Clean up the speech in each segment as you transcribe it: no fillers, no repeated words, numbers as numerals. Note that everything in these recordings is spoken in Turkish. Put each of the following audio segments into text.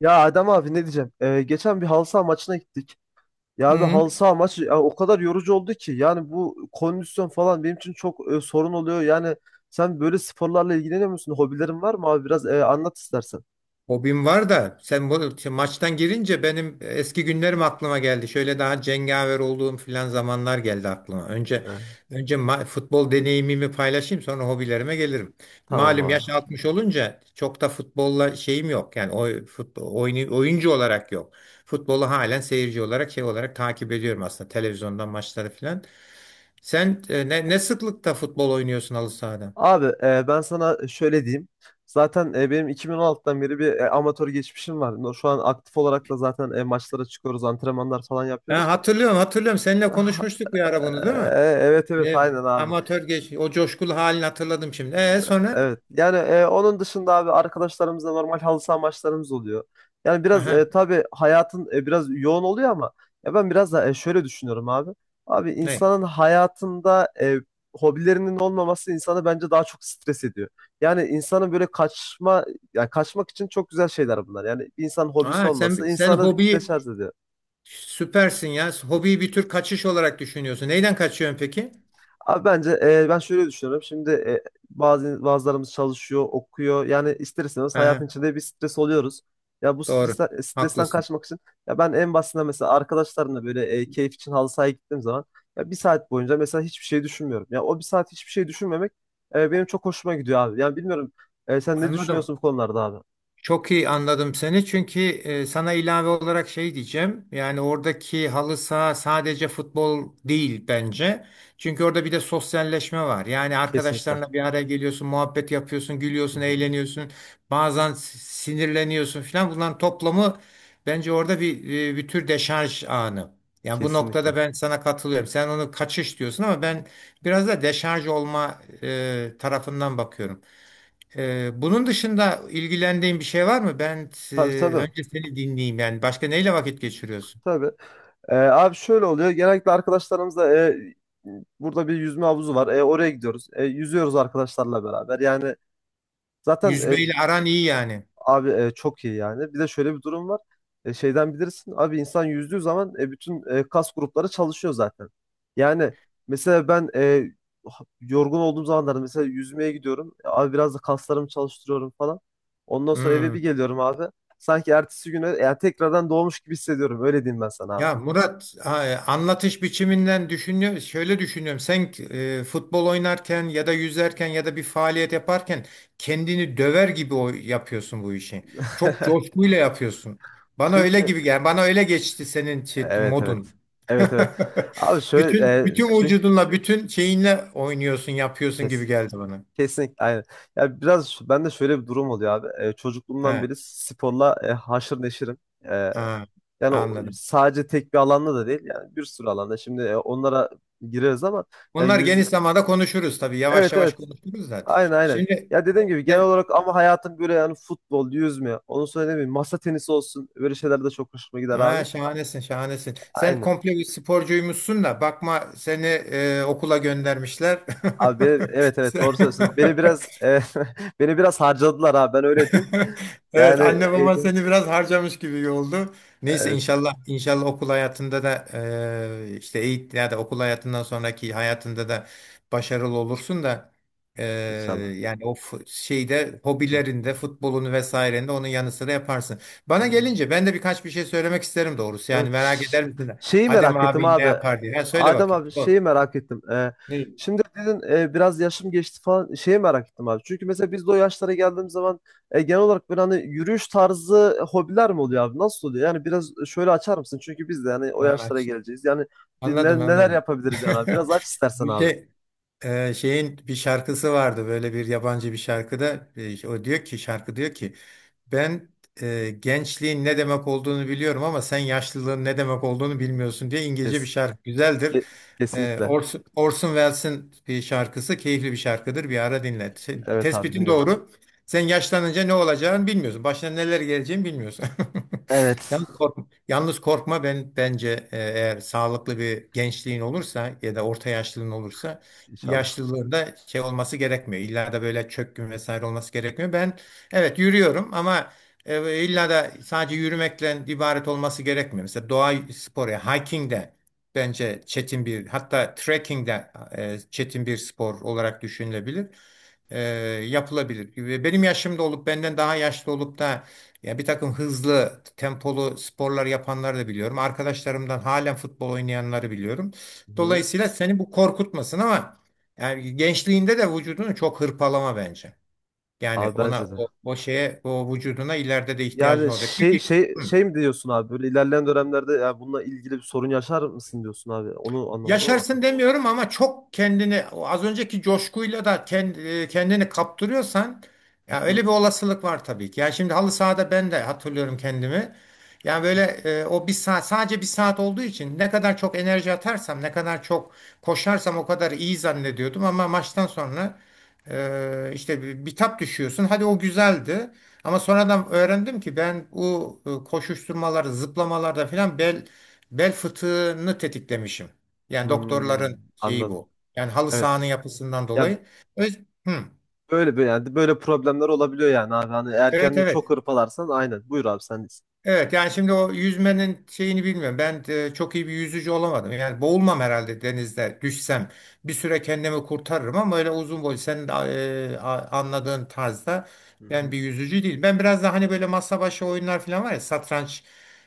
Ya Adem abi ne diyeceğim? Geçen bir halı saha maçına gittik. Ya abi Hı. halı saha maçı ya o kadar yorucu oldu ki. Yani bu kondisyon falan benim için çok sorun oluyor. Yani sen böyle sporlarla ilgileniyor musun? Hobilerin var mı abi? Biraz anlat istersen. Hobim var da sen bu maçtan girince benim eski günlerim aklıma geldi. Şöyle daha cengaver olduğum filan zamanlar geldi aklıma. Önce E, önce ma- futbol deneyimimi paylaşayım, sonra hobilerime gelirim. tamam Malum abi. yaş 60 olunca çok da futbolla şeyim yok. Yani futbol, oyuncu olarak yok. Futbolu halen seyirci olarak şey olarak takip ediyorum aslında, televizyondan maçları filan. Sen ne sıklıkta futbol oynuyorsun halı sahada? Abi ben sana şöyle diyeyim. Zaten benim 2016'dan beri bir amatör geçmişim var. Şu an aktif olarak da zaten maçlara çıkıyoruz, antrenmanlar falan yapıyoruz. Ha, hatırlıyorum hatırlıyorum, seninle Ah, konuşmuştuk bir ara bunu, değil mi? e, evet evet, Evet, aynen abi. amatör geç. O coşkulu halini hatırladım şimdi. E, sonra? Evet. Yani onun dışında abi arkadaşlarımızla normal halı saha maçlarımız oluyor. Yani biraz Aha, tabii hayatın biraz yoğun oluyor ama ya ben biraz da şöyle düşünüyorum abi. Abi ne? insanın hayatında hobilerinin olmaması insanı bence daha çok stres ediyor. Yani insanın böyle yani kaçmak için çok güzel şeyler bunlar. Yani bir insanın hobisi Aa, olması sen insanı hobi, deşarj ediyor. süpersin ya. Hobiyi bir tür kaçış olarak düşünüyorsun. Neyden kaçıyorsun peki? Abi bence ben şöyle düşünüyorum. Şimdi bazılarımız çalışıyor, okuyor. Yani ister istemez hayatın Aha, içinde bir stres oluyoruz. Ya bu doğru. Stresten Haklısın. kaçmak için ya ben en basitinden mesela arkadaşlarımla böyle keyif için halı sahaya gittiğim zaman ya bir saat boyunca mesela hiçbir şey düşünmüyorum. Ya o bir saat hiçbir şey düşünmemek benim çok hoşuma gidiyor abi. Yani bilmiyorum, sen ne Anladım. düşünüyorsun bu konularda abi? Çok iyi anladım seni, çünkü sana ilave olarak şey diyeceğim. Yani oradaki halı saha sadece futbol değil bence. Çünkü orada bir de sosyalleşme var. Yani Kesinlikle. arkadaşlarınla bir araya geliyorsun, muhabbet yapıyorsun, Hı gülüyorsun, hı. eğleniyorsun. Bazen sinirleniyorsun falan. Bunların toplamı bence orada bir bir tür deşarj anı. Yani bu noktada Kesinlikle. ben sana katılıyorum. Sen onu kaçış diyorsun ama ben biraz da deşarj olma tarafından bakıyorum. Bunun dışında ilgilendiğin bir şey var mı? Ben Tabii tabii. önce seni dinleyeyim yani. Başka neyle vakit geçiriyorsun? Tabii. Abi şöyle oluyor. Genellikle arkadaşlarımızla burada bir yüzme havuzu var. E, oraya gidiyoruz. E, yüzüyoruz arkadaşlarla beraber. Yani zaten Yüzmeyle aran iyi yani. abi çok iyi yani. Bir de şöyle bir durum var. Şeyden bilirsin. Abi insan yüzdüğü zaman bütün kas grupları çalışıyor zaten. Yani mesela ben yorgun olduğum zamanlarda mesela yüzmeye gidiyorum. Abi biraz da kaslarımı çalıştırıyorum falan. Ondan sonra eve bir Hmm. geliyorum abi. Sanki ertesi güne yani tekrardan doğmuş gibi hissediyorum. Öyle diyeyim ben sana abi. Ya Murat, anlatış biçiminden şöyle düşünüyorum. Sen futbol oynarken ya da yüzerken ya da bir faaliyet yaparken kendini döver gibi yapıyorsun bu işi. Çok coşkuyla yapıyorsun. Bana öyle Çünkü gibi gel. Bana öyle geçti senin evet evet. modun. Evet evet. Abi şöyle Bütün bütün çünkü vücudunla, bütün şeyinle oynuyorsun, yapıyorsun kes gibi geldi bana. kesinlikle aynen. Ya biraz ben şöyle bir durum oluyor abi. E, çocukluğumdan He, beri sporla haşır neşirim. E, ha, yani anladım. sadece tek bir alanda da değil yani bir sürü alanda. Şimdi onlara gireriz ama ya Bunlar yüz geniş zamanda konuşuruz tabii. Yavaş evet yavaş evet. konuşuruz da. Aynen aynen. Şimdi Ya dediğim gibi genel olarak ama hayatım böyle yani futbol, yüzme, onu söylemeyeyim. Masa tenisi olsun. Böyle şeyler de çok hoşuma gider Ha, abi. şahanesin, şahanesin. Sen Aynen. komple bir sporcuymuşsun da bakma, seni okula göndermişler. Evet evet, Sen- doğru söylüyorsun. Beni biraz beni biraz harcadılar abi, ben öyle diyeyim. Evet, Yani anne baban eğitim seni biraz harcamış gibi oldu. Neyse, evet inşallah inşallah okul hayatında da işte eğitim ya da okul hayatından sonraki hayatında da başarılı olursun da e, inşallah. yani o şeyde, Hı. hobilerinde futbolunu vesairende onun yanı sıra yaparsın. Bana gelince, ben de birkaç bir şey söylemek isterim doğrusu. Yani Evet, merak eder misin? şeyi Adem merak ettim abi ne abi. yapar diye. Ha, söyle Adem bakayım. abi Sor. şeyi merak ettim. Ne? Şimdi dedin, biraz yaşım geçti falan, şeyi merak ettim abi. Çünkü mesela biz de o yaşlara geldiğimiz zaman genel olarak böyle hani yürüyüş tarzı hobiler mi oluyor abi? Nasıl oluyor? Yani biraz şöyle açar mısın? Çünkü biz de yani o Ha, yaşlara aç. geleceğiz. Yani biz Anladım neler anladım. yapabiliriz yani abi? Biraz aç istersen Bir abi. şey Şeyin bir şarkısı vardı, böyle bir yabancı bir şarkıda o diyor ki, şarkı diyor ki ben gençliğin ne demek olduğunu biliyorum ama sen yaşlılığın ne demek olduğunu bilmiyorsun diye. Kes. İngilizce bir şarkı, güzeldir. Ke- Kesinlikle. Orson Welles'in bir şarkısı, keyifli bir şarkıdır. Bir ara dinle. Evet abi Tespitin dinlerim. doğru. Sen yaşlanınca ne olacağını bilmiyorsun. Başına neler geleceğini bilmiyorsun. Evet. Yalnız korkma, yalnız korkma, bence eğer sağlıklı bir gençliğin olursa ya da orta yaşlılığın olursa İnşallah. yaşlılığında şey olması gerekmiyor. İlla da böyle çökkün vesaire olması gerekmiyor. Ben evet yürüyorum ama illa da sadece yürümekle ibaret olması gerekmiyor. Mesela doğa sporu, hiking de, bence çetin bir, hatta trekking de çetin bir spor olarak düşünülebilir. E, Yapılabilir. Ve benim yaşımda olup benden daha yaşlı olup da ya bir takım hızlı, tempolu sporlar yapanları da biliyorum. Arkadaşlarımdan halen futbol oynayanları biliyorum. Hı. Dolayısıyla seni bu korkutmasın ama yani gençliğinde de vücudunu çok hırpalama bence. Yani Abi ona bence de. O şeye, o vücuduna ileride de ihtiyacın Yani olacak. Peki. Hı. şey mi diyorsun abi, böyle ilerleyen dönemlerde ya bununla ilgili bir sorun yaşar mısın diyorsun abi. Onu anlamadım ama Yaşarsın tamam. demiyorum ama çok kendini o az önceki coşkuyla da kendini kaptırıyorsan Hı ya öyle hı. bir olasılık var tabii ki. Ya şimdi halı sahada ben de hatırlıyorum kendimi. Yani böyle o bir saat, sadece bir saat olduğu için ne kadar çok enerji atarsam, ne kadar çok koşarsam o kadar iyi zannediyordum ama maçtan sonra işte bitap düşüyorsun. Hadi o güzeldi ama sonradan öğrendim ki ben bu koşuşturmaları, zıplamalarda falan bel fıtığını tetiklemişim. Yani Hmm, doktorların şeyi anladım. bu. Yani halı sahanın Evet. yapısından Ya dolayı. Öz- Hı. böyle böyle yani böyle problemler olabiliyor yani abi. Hani Evet erkenden çok evet. hırpalarsan, aynen. Buyur abi, sendeyiz. Evet yani şimdi o yüzmenin şeyini bilmiyorum. Ben de çok iyi bir yüzücü olamadım. Yani boğulmam herhalde, denizde düşsem. Bir süre kendimi kurtarırım ama öyle uzun boy senin de, anladığın tarzda Hı ben hı. bir yüzücü değil. Ben biraz daha hani böyle masa başı oyunlar falan var ya, satranç,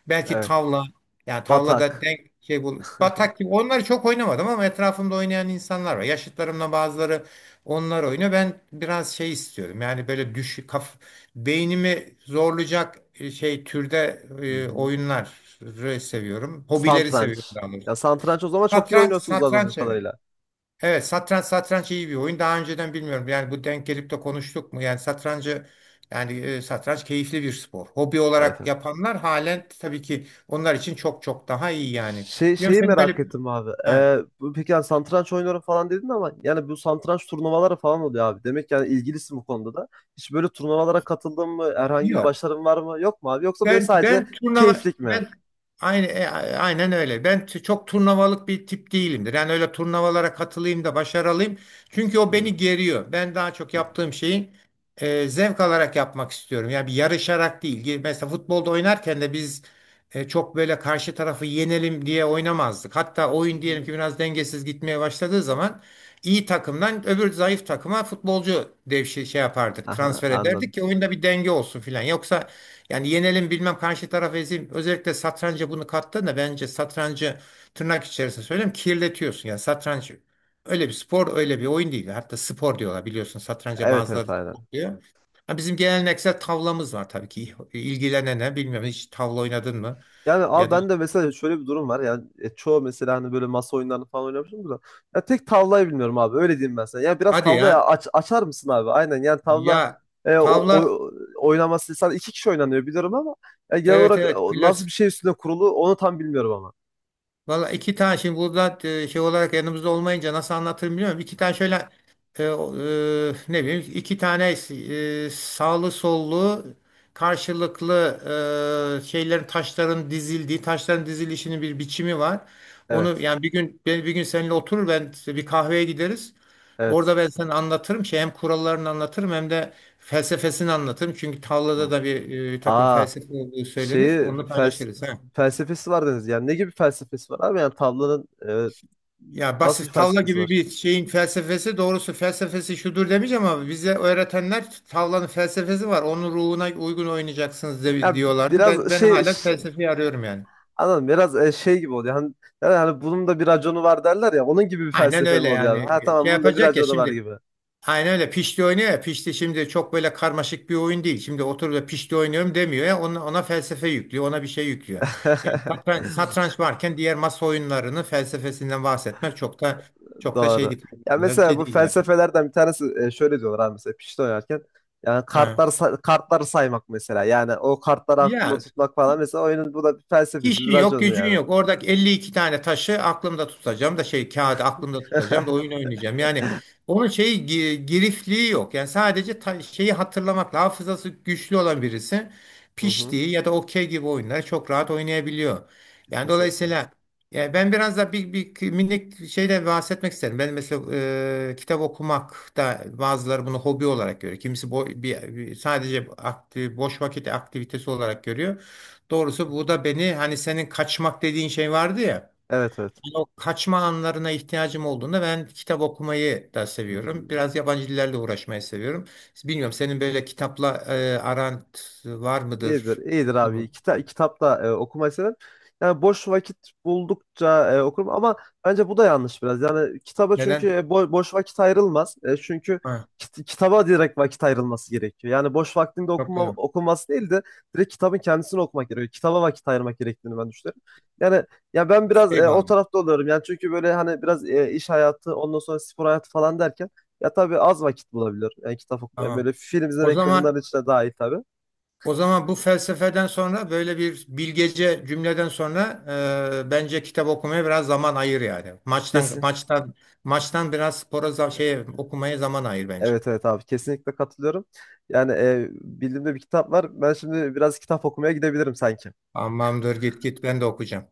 belki Evet. tavla. Yani tavlada Batak. denk şey bul, batak gibi onları çok oynamadım ama etrafımda oynayan insanlar var. Yaşıtlarımla bazıları onlar oynuyor. Ben biraz şey istiyorum. Yani böyle düş kaf beynimi zorlayacak şey türde Hı hı. oyunları seviyorum. Hobileri seviyorum Satranç. daha doğrusu. Ya satranç, o zaman çok iyi Satranç, oynuyorsunuz anladığım satranç, evet. kadarıyla. Evet, satranç satranç iyi bir oyun. Daha önceden bilmiyorum. Yani bu, denk gelip de konuştuk mu? Yani satrancı, yani satranç keyifli bir spor. Hobi Evet. olarak yapanlar halen, tabii ki onlar için çok çok daha iyi yani. Şey, Biliyorum şeyi senin merak böyle ettim abi. Ha, Peki yani satranç oynuyorum falan dedin ama yani bu satranç turnuvaları falan oluyor abi. Demek yani ilgilisin bu konuda da. Hiç böyle turnuvalara katıldın mı? Herhangi bir yok. başarın var mı? Yok mu abi? Yoksa böyle Ben sadece ben turnuva keyiflik mi? ben aynı e, aynen öyle. Ben çok turnuvalık bir tip değilimdir. Yani öyle turnuvalara katılayım da başarılıyım. Çünkü o beni Anladım. geriyor. Ben daha çok Hı yaptığım şeyi zevk alarak yapmak istiyorum. Yani bir yarışarak değil. Ge- mesela futbolda oynarken de biz çok böyle karşı tarafı yenelim diye oynamazdık. Hatta oyun, diyelim hı. ki biraz dengesiz gitmeye başladığı zaman iyi takımdan öbür zayıf takıma futbolcu devşi şey yapardık. Aha, Transfer anladım. ederdik ki oyunda bir denge olsun filan. Yoksa yani yenelim, bilmem karşı tarafı ezeyim. Özellikle satranca bunu kattığında bence satrancı, tırnak içerisinde söyleyeyim, kirletiyorsun. Yani satranç öyle bir spor, öyle bir oyun değil. Hatta spor diyorlar, biliyorsun, satranca Evet evet, bazıları aynen. spor diyor. Ha, bizim geleneksel tavlamız var tabii ki. İlgilenene bilmiyorum, hiç tavla oynadın mı? Yani abi Ya da ben de mesela şöyle bir durum var. Yani çoğu, mesela hani böyle masa oyunlarını falan oynamışım da. Ya tek tavlayı bilmiyorum abi. Öyle diyeyim ben sana. Ya biraz hadi tavlayı ya, açar mısın abi? Aynen, yani tavla ya e, o, tavla, o- oynaması sadece iki kişi oynanıyor biliyorum ama ya genel evet olarak evet, o nasıl klas. bir şey üstüne kurulu onu tam bilmiyorum ama. Valla iki tane, şimdi burada şey olarak yanımızda olmayınca nasıl anlatırım bilmiyorum. İki tane şöyle ne bileyim, iki tane sağlı sollu, karşılıklı şeylerin, taşların dizildiği, taşların dizilişinin bir biçimi var. Onu Evet. yani bir gün, ben bir gün seninle oturur, ben bir kahveye gideriz. Evet. Orada ben sana anlatırım şey, hem kurallarını anlatırım hem de felsefesini anlatırım. Çünkü Hmm. tavlada da bir takım Aa, felsefe olduğu söylenir. şeyi Onu paylaşırız. He. felsefesi var dediniz. Yani ne gibi felsefesi var abi? Yani tavlanın Ya nasıl bir basit tavla felsefesi gibi var? bir şeyin felsefesi, doğrusu felsefesi şudur demeyeceğim ama bize öğretenler tavlanın felsefesi var, onun ruhuna uygun oynayacaksınız Ya diyorlardı. biraz Ben şey hala felsefeyi arıyorum yani. Anladım. Biraz şey gibi oluyor. Yani hani bunun da bir raconu var derler ya. Onun gibi bir Aynen felsefe öyle mi oluyor abi? yani. Ha, tamam, Şey bunun da bir yapacak ya raconu var şimdi. gibi. Aynen öyle, pişti oynuyor ya, pişti şimdi çok böyle karmaşık bir oyun değil. Şimdi oturup da pişti oynuyorum demiyor ya, ona, ona felsefe yüklüyor, ona bir şey yüklüyor. Yani satranç, satranç varken diğer masa oyunlarının felsefesinden bahsetmek çok da çok da şey Doğru. değil. Ya mesela Şey bu değil yani. felsefelerden bir tanesi şöyle diyorlar abi, mesela pişti oynarken. Yani Ha. Kartları saymak mesela. Yani o kartları aklında Ya, tutmak falan, mesela oyunun bu da bir felsefesi, bir İşin yok, raconu gücün yani. yok. Oradaki 52 tane taşı aklımda tutacağım da şey kağıdı aklımda tutacağım da oyun oynayacağım. Yani onun şeyi girifliği yok. Yani sadece şeyi hatırlamakla hafızası güçlü olan birisi Hı hı. piştiği ya da okey gibi oyunları çok rahat oynayabiliyor. Yani Kesinlikle. dolayısıyla, yani ben biraz da bir minik şeyden bahsetmek isterim. Ben mesela kitap okumak da, bazıları bunu hobi olarak görüyor. Kimisi sadece boş vakit aktivitesi olarak görüyor. Doğrusu bu da beni, hani senin kaçmak dediğin şey vardı ya, Evet evet. hani o kaçma anlarına ihtiyacım olduğunda ben kitap okumayı da Hı seviyorum. hı. Biraz yabancı dillerle uğraşmayı seviyorum. Bilmiyorum senin böyle kitapla aran var İyidir, mıdır? iyidir Olur mu? abi. Kitapta okumayı severim. Yani boş vakit buldukça okurum ama bence bu da yanlış biraz. Yani kitaba çünkü Neden? Boş vakit ayrılmaz. E, çünkü Ha, kitaba direkt vakit ayrılması gerekiyor. Yani boş vaktinde çok okuma güzel. okunması değil de direkt kitabın kendisini okumak gerekiyor. Kitaba vakit ayırmak gerektiğini ben düşünüyorum. Yani ya ben biraz o Eyvallah. tarafta oluyorum. Yani çünkü böyle hani biraz iş hayatı, ondan sonra spor hayatı falan derken ya tabii az vakit bulabilir. Yani kitap okumaya Tamam. böyle film O izlemek de zaman bunların içine dahil tabii. o zaman bu felsefeden sonra, böyle bir bilgece cümleden sonra bence kitap okumaya biraz zaman ayır yani. Maçtan Kesinlikle. maçtan maçtan biraz spora, şeye, okumaya zaman ayır bence. Evet evet abi, kesinlikle katılıyorum. Yani bildiğimde bir kitap var. Ben şimdi biraz kitap okumaya gidebilirim sanki. Tamamdır, git git, ben de okuyacağım.